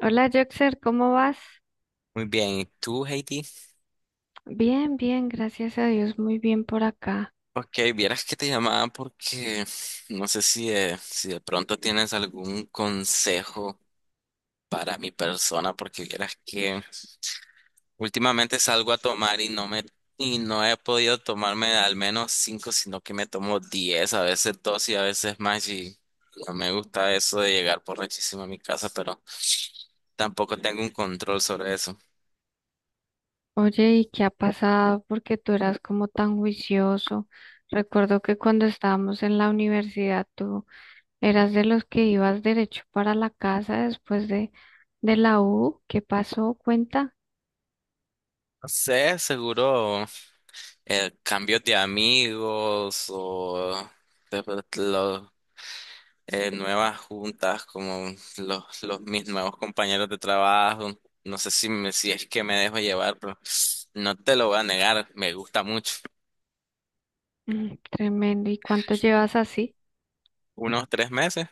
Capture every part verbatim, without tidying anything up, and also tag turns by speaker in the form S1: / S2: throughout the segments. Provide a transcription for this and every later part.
S1: Hola, Joxer, ¿cómo vas?
S2: Muy bien, ¿y tú, Heidi?
S1: Bien, bien, gracias a Dios, muy bien por acá.
S2: Ok, vieras que te llamaba porque no sé si de, si de pronto tienes algún consejo para mi persona, porque vieras que últimamente salgo a tomar y no me y no he podido tomarme al menos cinco, sino que me tomo diez, a veces dos y a veces más y no me gusta eso de llegar borrachísimo a mi casa, pero tampoco tengo un control sobre eso.
S1: Oye, ¿y qué ha pasado? Porque tú eras como tan juicioso. Recuerdo que cuando estábamos en la universidad, tú eras de los que ibas derecho para la casa después de, de, la U. ¿Qué pasó? Cuenta.
S2: No sé, seguro. Eh, cambios de amigos o de- de- lo- eh, nuevas juntas, como los, los mis nuevos compañeros de trabajo. No sé si, me- si es que me dejo llevar, pero no te lo voy a negar, me gusta mucho.
S1: Mm, tremendo. ¿Y cuánto llevas así?
S2: Unos tres meses.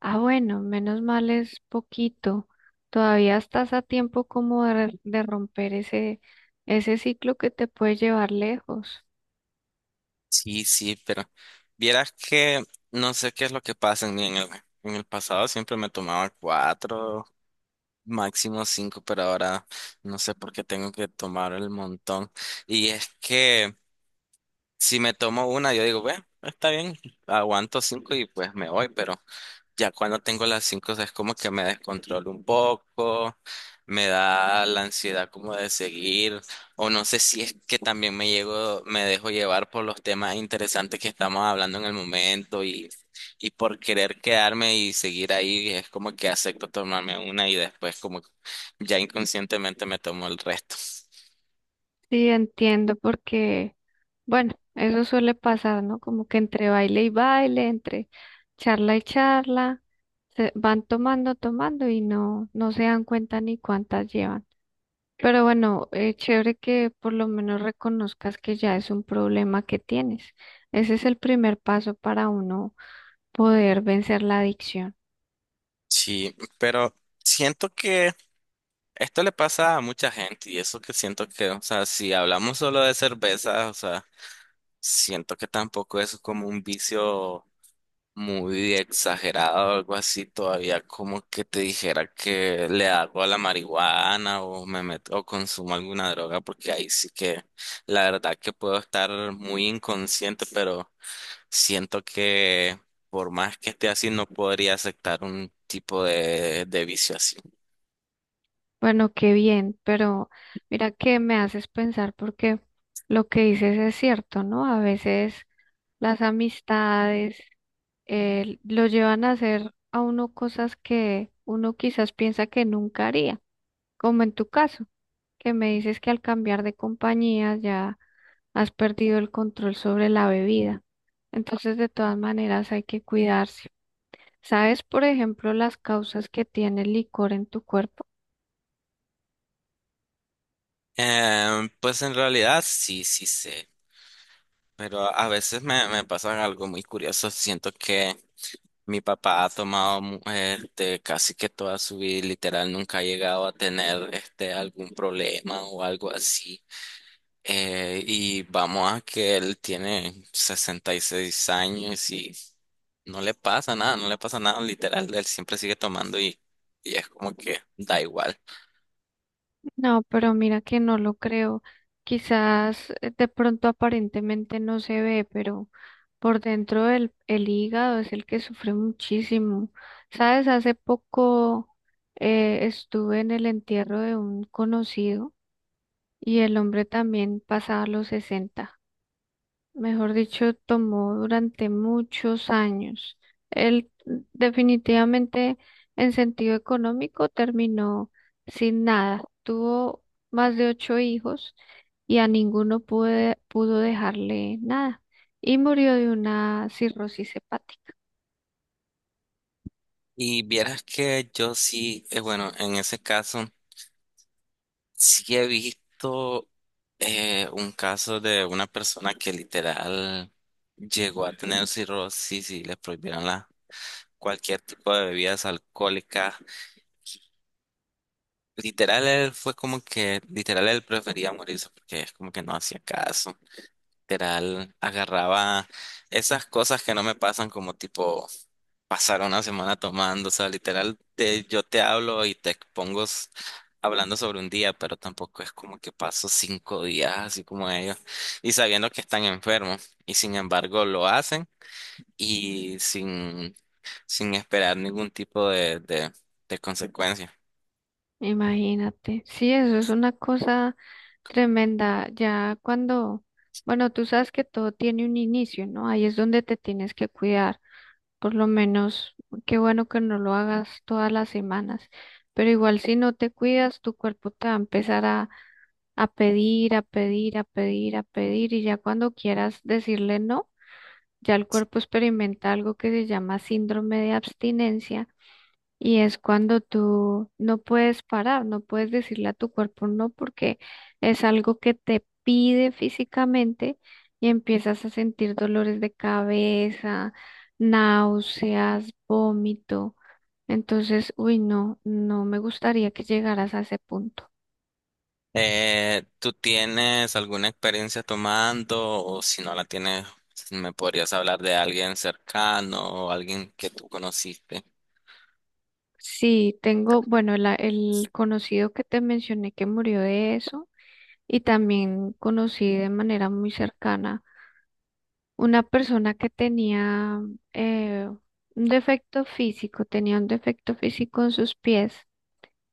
S1: Ah, bueno, menos mal es poquito. Todavía estás a tiempo como de, de, romper ese, ese ciclo que te puede llevar lejos.
S2: Sí, sí, pero vieras que no sé qué es lo que pasa en mí. En el, en el, pasado siempre me tomaba cuatro, máximo cinco, pero ahora no sé por qué tengo que tomar el montón. Y es que Si me tomo una, yo digo, bueno, está bien, aguanto cinco y pues me voy, pero ya cuando tengo las cinco es como que me descontrolo un poco, me da la ansiedad como de seguir, o no sé si es que también me llego, me dejo llevar por los temas interesantes que estamos hablando en el momento y, y por querer quedarme y seguir ahí, es como que acepto tomarme una y después como ya inconscientemente me tomo el resto.
S1: Sí, entiendo porque, bueno, eso suele pasar, ¿no? Como que entre baile y baile, entre charla y charla, se van tomando, tomando y no, no se dan cuenta ni cuántas llevan. Pero bueno, eh, chévere que por lo menos reconozcas que ya es un problema que tienes. Ese es el primer paso para uno poder vencer la adicción.
S2: Sí, pero siento que Esto le pasa a mucha gente y eso que siento que, o sea, si hablamos solo de cerveza, o sea, siento que tampoco es como un vicio muy exagerado o algo así, todavía como que te dijera que le hago a la marihuana o me meto o consumo alguna droga, porque ahí sí que la verdad que puedo estar muy inconsciente, pero siento que por más que esté así no podría aceptar un tipo de, de, vicio así.
S1: Bueno, qué bien, pero mira que me haces pensar porque lo que dices es cierto, ¿no? A veces las amistades eh, lo llevan a hacer a uno cosas que uno quizás piensa que nunca haría, como en tu caso, que me dices que al cambiar de compañía ya has perdido el control sobre la bebida. Entonces, de todas maneras, hay que cuidarse. ¿Sabes, por ejemplo, las causas que tiene el licor en tu cuerpo?
S2: Em, pues en realidad sí, sí sé, pero a a veces me, me pasa algo muy curioso. Siento que mi papá ha tomado mu- este, casi que toda su vida, y literal, nunca ha llegado a tener este, algún problema o algo así. Eh, y vamos a que él tiene sesenta y seis años y no le pasa nada, no le pasa nada, literal, él siempre sigue tomando y, y es como que da igual.
S1: No, pero mira que no lo creo. Quizás eh, de pronto aparentemente no se ve, pero por dentro el, el hígado es el que sufre muchísimo. ¿Sabes? Hace poco eh, estuve en el entierro de un conocido y el hombre también pasaba los sesenta. Mejor dicho, tomó durante muchos años. Él definitivamente en sentido económico terminó sin nada. Tuvo más de ocho hijos y a ninguno pude- pudo dejarle nada. Y murió de una cirrosis hepática.
S2: Y vieras que yo sí, eh, bueno, en ese caso. Sí he visto eh, un caso de una persona que literal llegó a tener cirrosis y le prohibieron la, cualquier tipo de bebidas alcohólicas. Literal, él fue como que, literal, él prefería morirse porque es como que no hacía caso. Literal, agarraba esas cosas que no me pasan como tipo pasar una semana tomando, o sea, literal, te- yo te hablo y te expongo s- hablando sobre un día, pero tampoco es como que paso cinco días así como ellos y sabiendo que están enfermos y sin embargo lo hacen y sin, sin esperar ningún tipo de, de, de, consecuencia.
S1: Imagínate. Sí, eso es una cosa tremenda. Ya cuando, bueno, tú sabes que todo tiene un inicio, ¿no? Ahí es donde te tienes que cuidar. Por lo menos, qué bueno que no lo hagas todas las semanas, pero igual si no te cuidas, tu cuerpo te va a empezar a, a pedir, a pedir, a pedir, a pedir, y ya cuando quieras decirle no, ya el cuerpo experimenta algo que se llama síndrome de abstinencia y es cuando tú no puedes parar, no puedes decirle a tu cuerpo no porque es algo que te pide físicamente y empiezas a sentir dolores de cabeza, náuseas, vómito. Entonces, uy, no, no me gustaría que llegaras a ese punto.
S2: Eh, ¿tú tienes alguna experiencia tomando o si no la tienes, me podrías hablar de alguien cercano o alguien que tú conociste?
S1: Sí, tengo, bueno, la- el conocido que te mencioné que murió de eso y también conocí de manera muy cercana una persona que tenía eh, un defecto físico, tenía un defecto físico en sus pies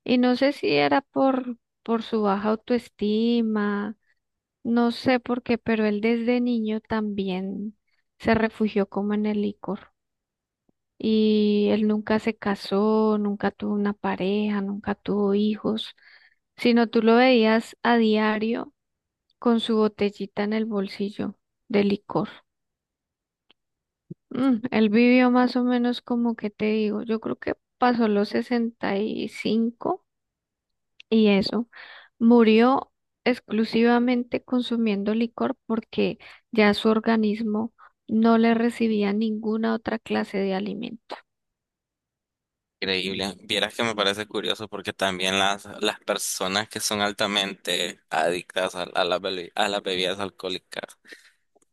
S1: y no sé si era por, por, su baja autoestima, no sé por qué, pero él desde niño también se refugió como en el licor y él nunca se casó, nunca tuvo una pareja, nunca tuvo hijos, sino tú lo veías a diario con su botellita en el bolsillo de licor. Mm, él vivió más o menos como que te digo, yo creo que pasó los sesenta y cinco y eso, murió exclusivamente consumiendo licor porque ya su organismo no le recibía ninguna otra clase de alimento.
S2: Increíble. Vieras que me parece curioso porque también las, las personas que son altamente adictas a, a las bebi- a las bebidas alcohólicas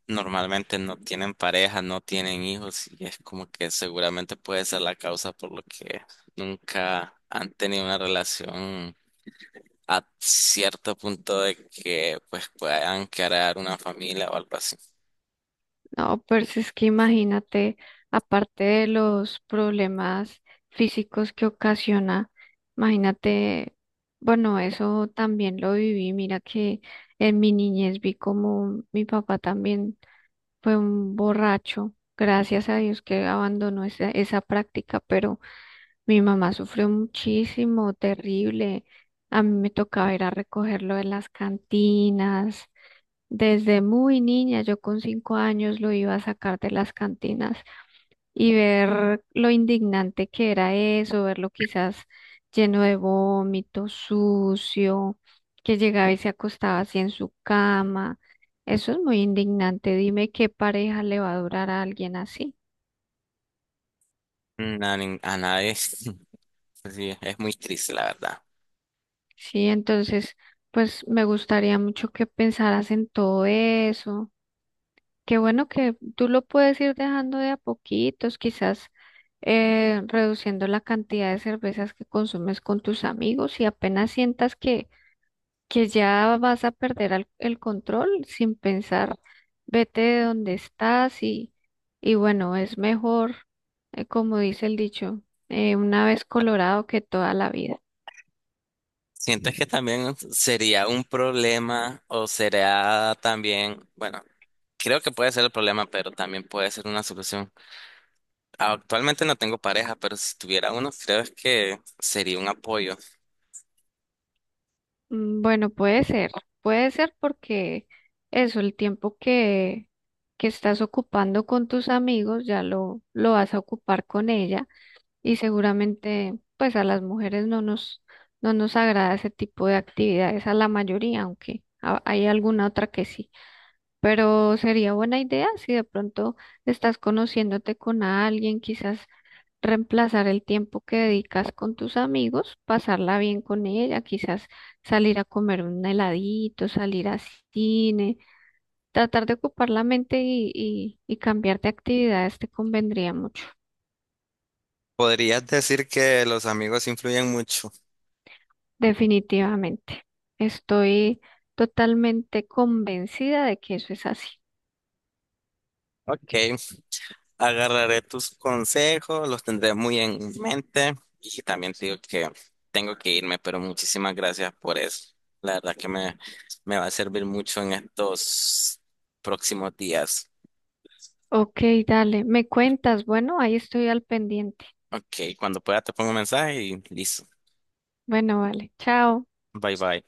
S2: normalmente no tienen pareja, no tienen hijos y es como que seguramente puede ser la causa por lo que nunca han tenido una relación a cierto punto de que pues puedan crear una familia o algo así.
S1: No, pues es que imagínate, aparte de los problemas físicos que ocasiona, imagínate, bueno, eso también lo viví. Mira que en mi niñez vi como mi papá también fue un borracho. Gracias a Dios que abandonó esa, esa práctica, pero mi mamá sufrió muchísimo, terrible. A mí me tocaba ir a recogerlo de las cantinas desde muy niña, yo con cinco años lo iba a sacar de las cantinas y ver lo indignante que era eso, verlo quizás lleno de vómito, sucio, que llegaba y se acostaba así en su cama. Eso es muy indignante. Dime qué pareja le va a durar a alguien así.
S2: Na- nin- A nadie. Sí, es muy triste la verdad.
S1: Sí, entonces, pues me gustaría mucho que pensaras en todo eso. Qué bueno que tú lo puedes ir dejando de a poquitos, quizás eh, reduciendo la cantidad de cervezas que consumes con tus amigos y apenas sientas que, que ya vas a perder al- el control sin pensar, vete de donde estás y, y bueno, es mejor, eh, como dice el dicho, eh, una vez colorado que toda la vida.
S2: ¿Sientes que también sería un problema o será también, bueno, creo que puede ser el problema, pero también puede ser una solución? Actualmente no tengo pareja, pero si tuviera uno, creo que sería un apoyo.
S1: Mm, Bueno, puede ser, puede ser porque eso, el tiempo que, que, estás ocupando con tus amigos, ya lo, lo vas a ocupar con ella y seguramente pues a las mujeres no nos, no nos agrada ese tipo de actividades, a la mayoría, aunque a- hay alguna otra que sí, pero sería buena idea si de pronto estás conociéndote con alguien, quizás reemplazar el tiempo que dedicas con tus amigos, pasarla bien con ella, quizás salir a comer un heladito, salir a cine, tratar de ocupar la mente y, y, y cambiar de actividades te convendría mucho,
S2: Podrías decir que los amigos influyen mucho.
S1: definitivamente. Estoy totalmente convencida de que eso es así.
S2: Ok, agarraré tus consejos, los tendré muy en mente y también te digo que tengo que irme, pero muchísimas gracias por eso. La verdad que me, me va a servir mucho en estos próximos días.
S1: Ok, dale, me cuentas, bueno, ahí estoy al pendiente.
S2: Ok, cuando pueda te pongo un mensaje y listo.
S1: Bueno, vale, chao.
S2: Bye bye.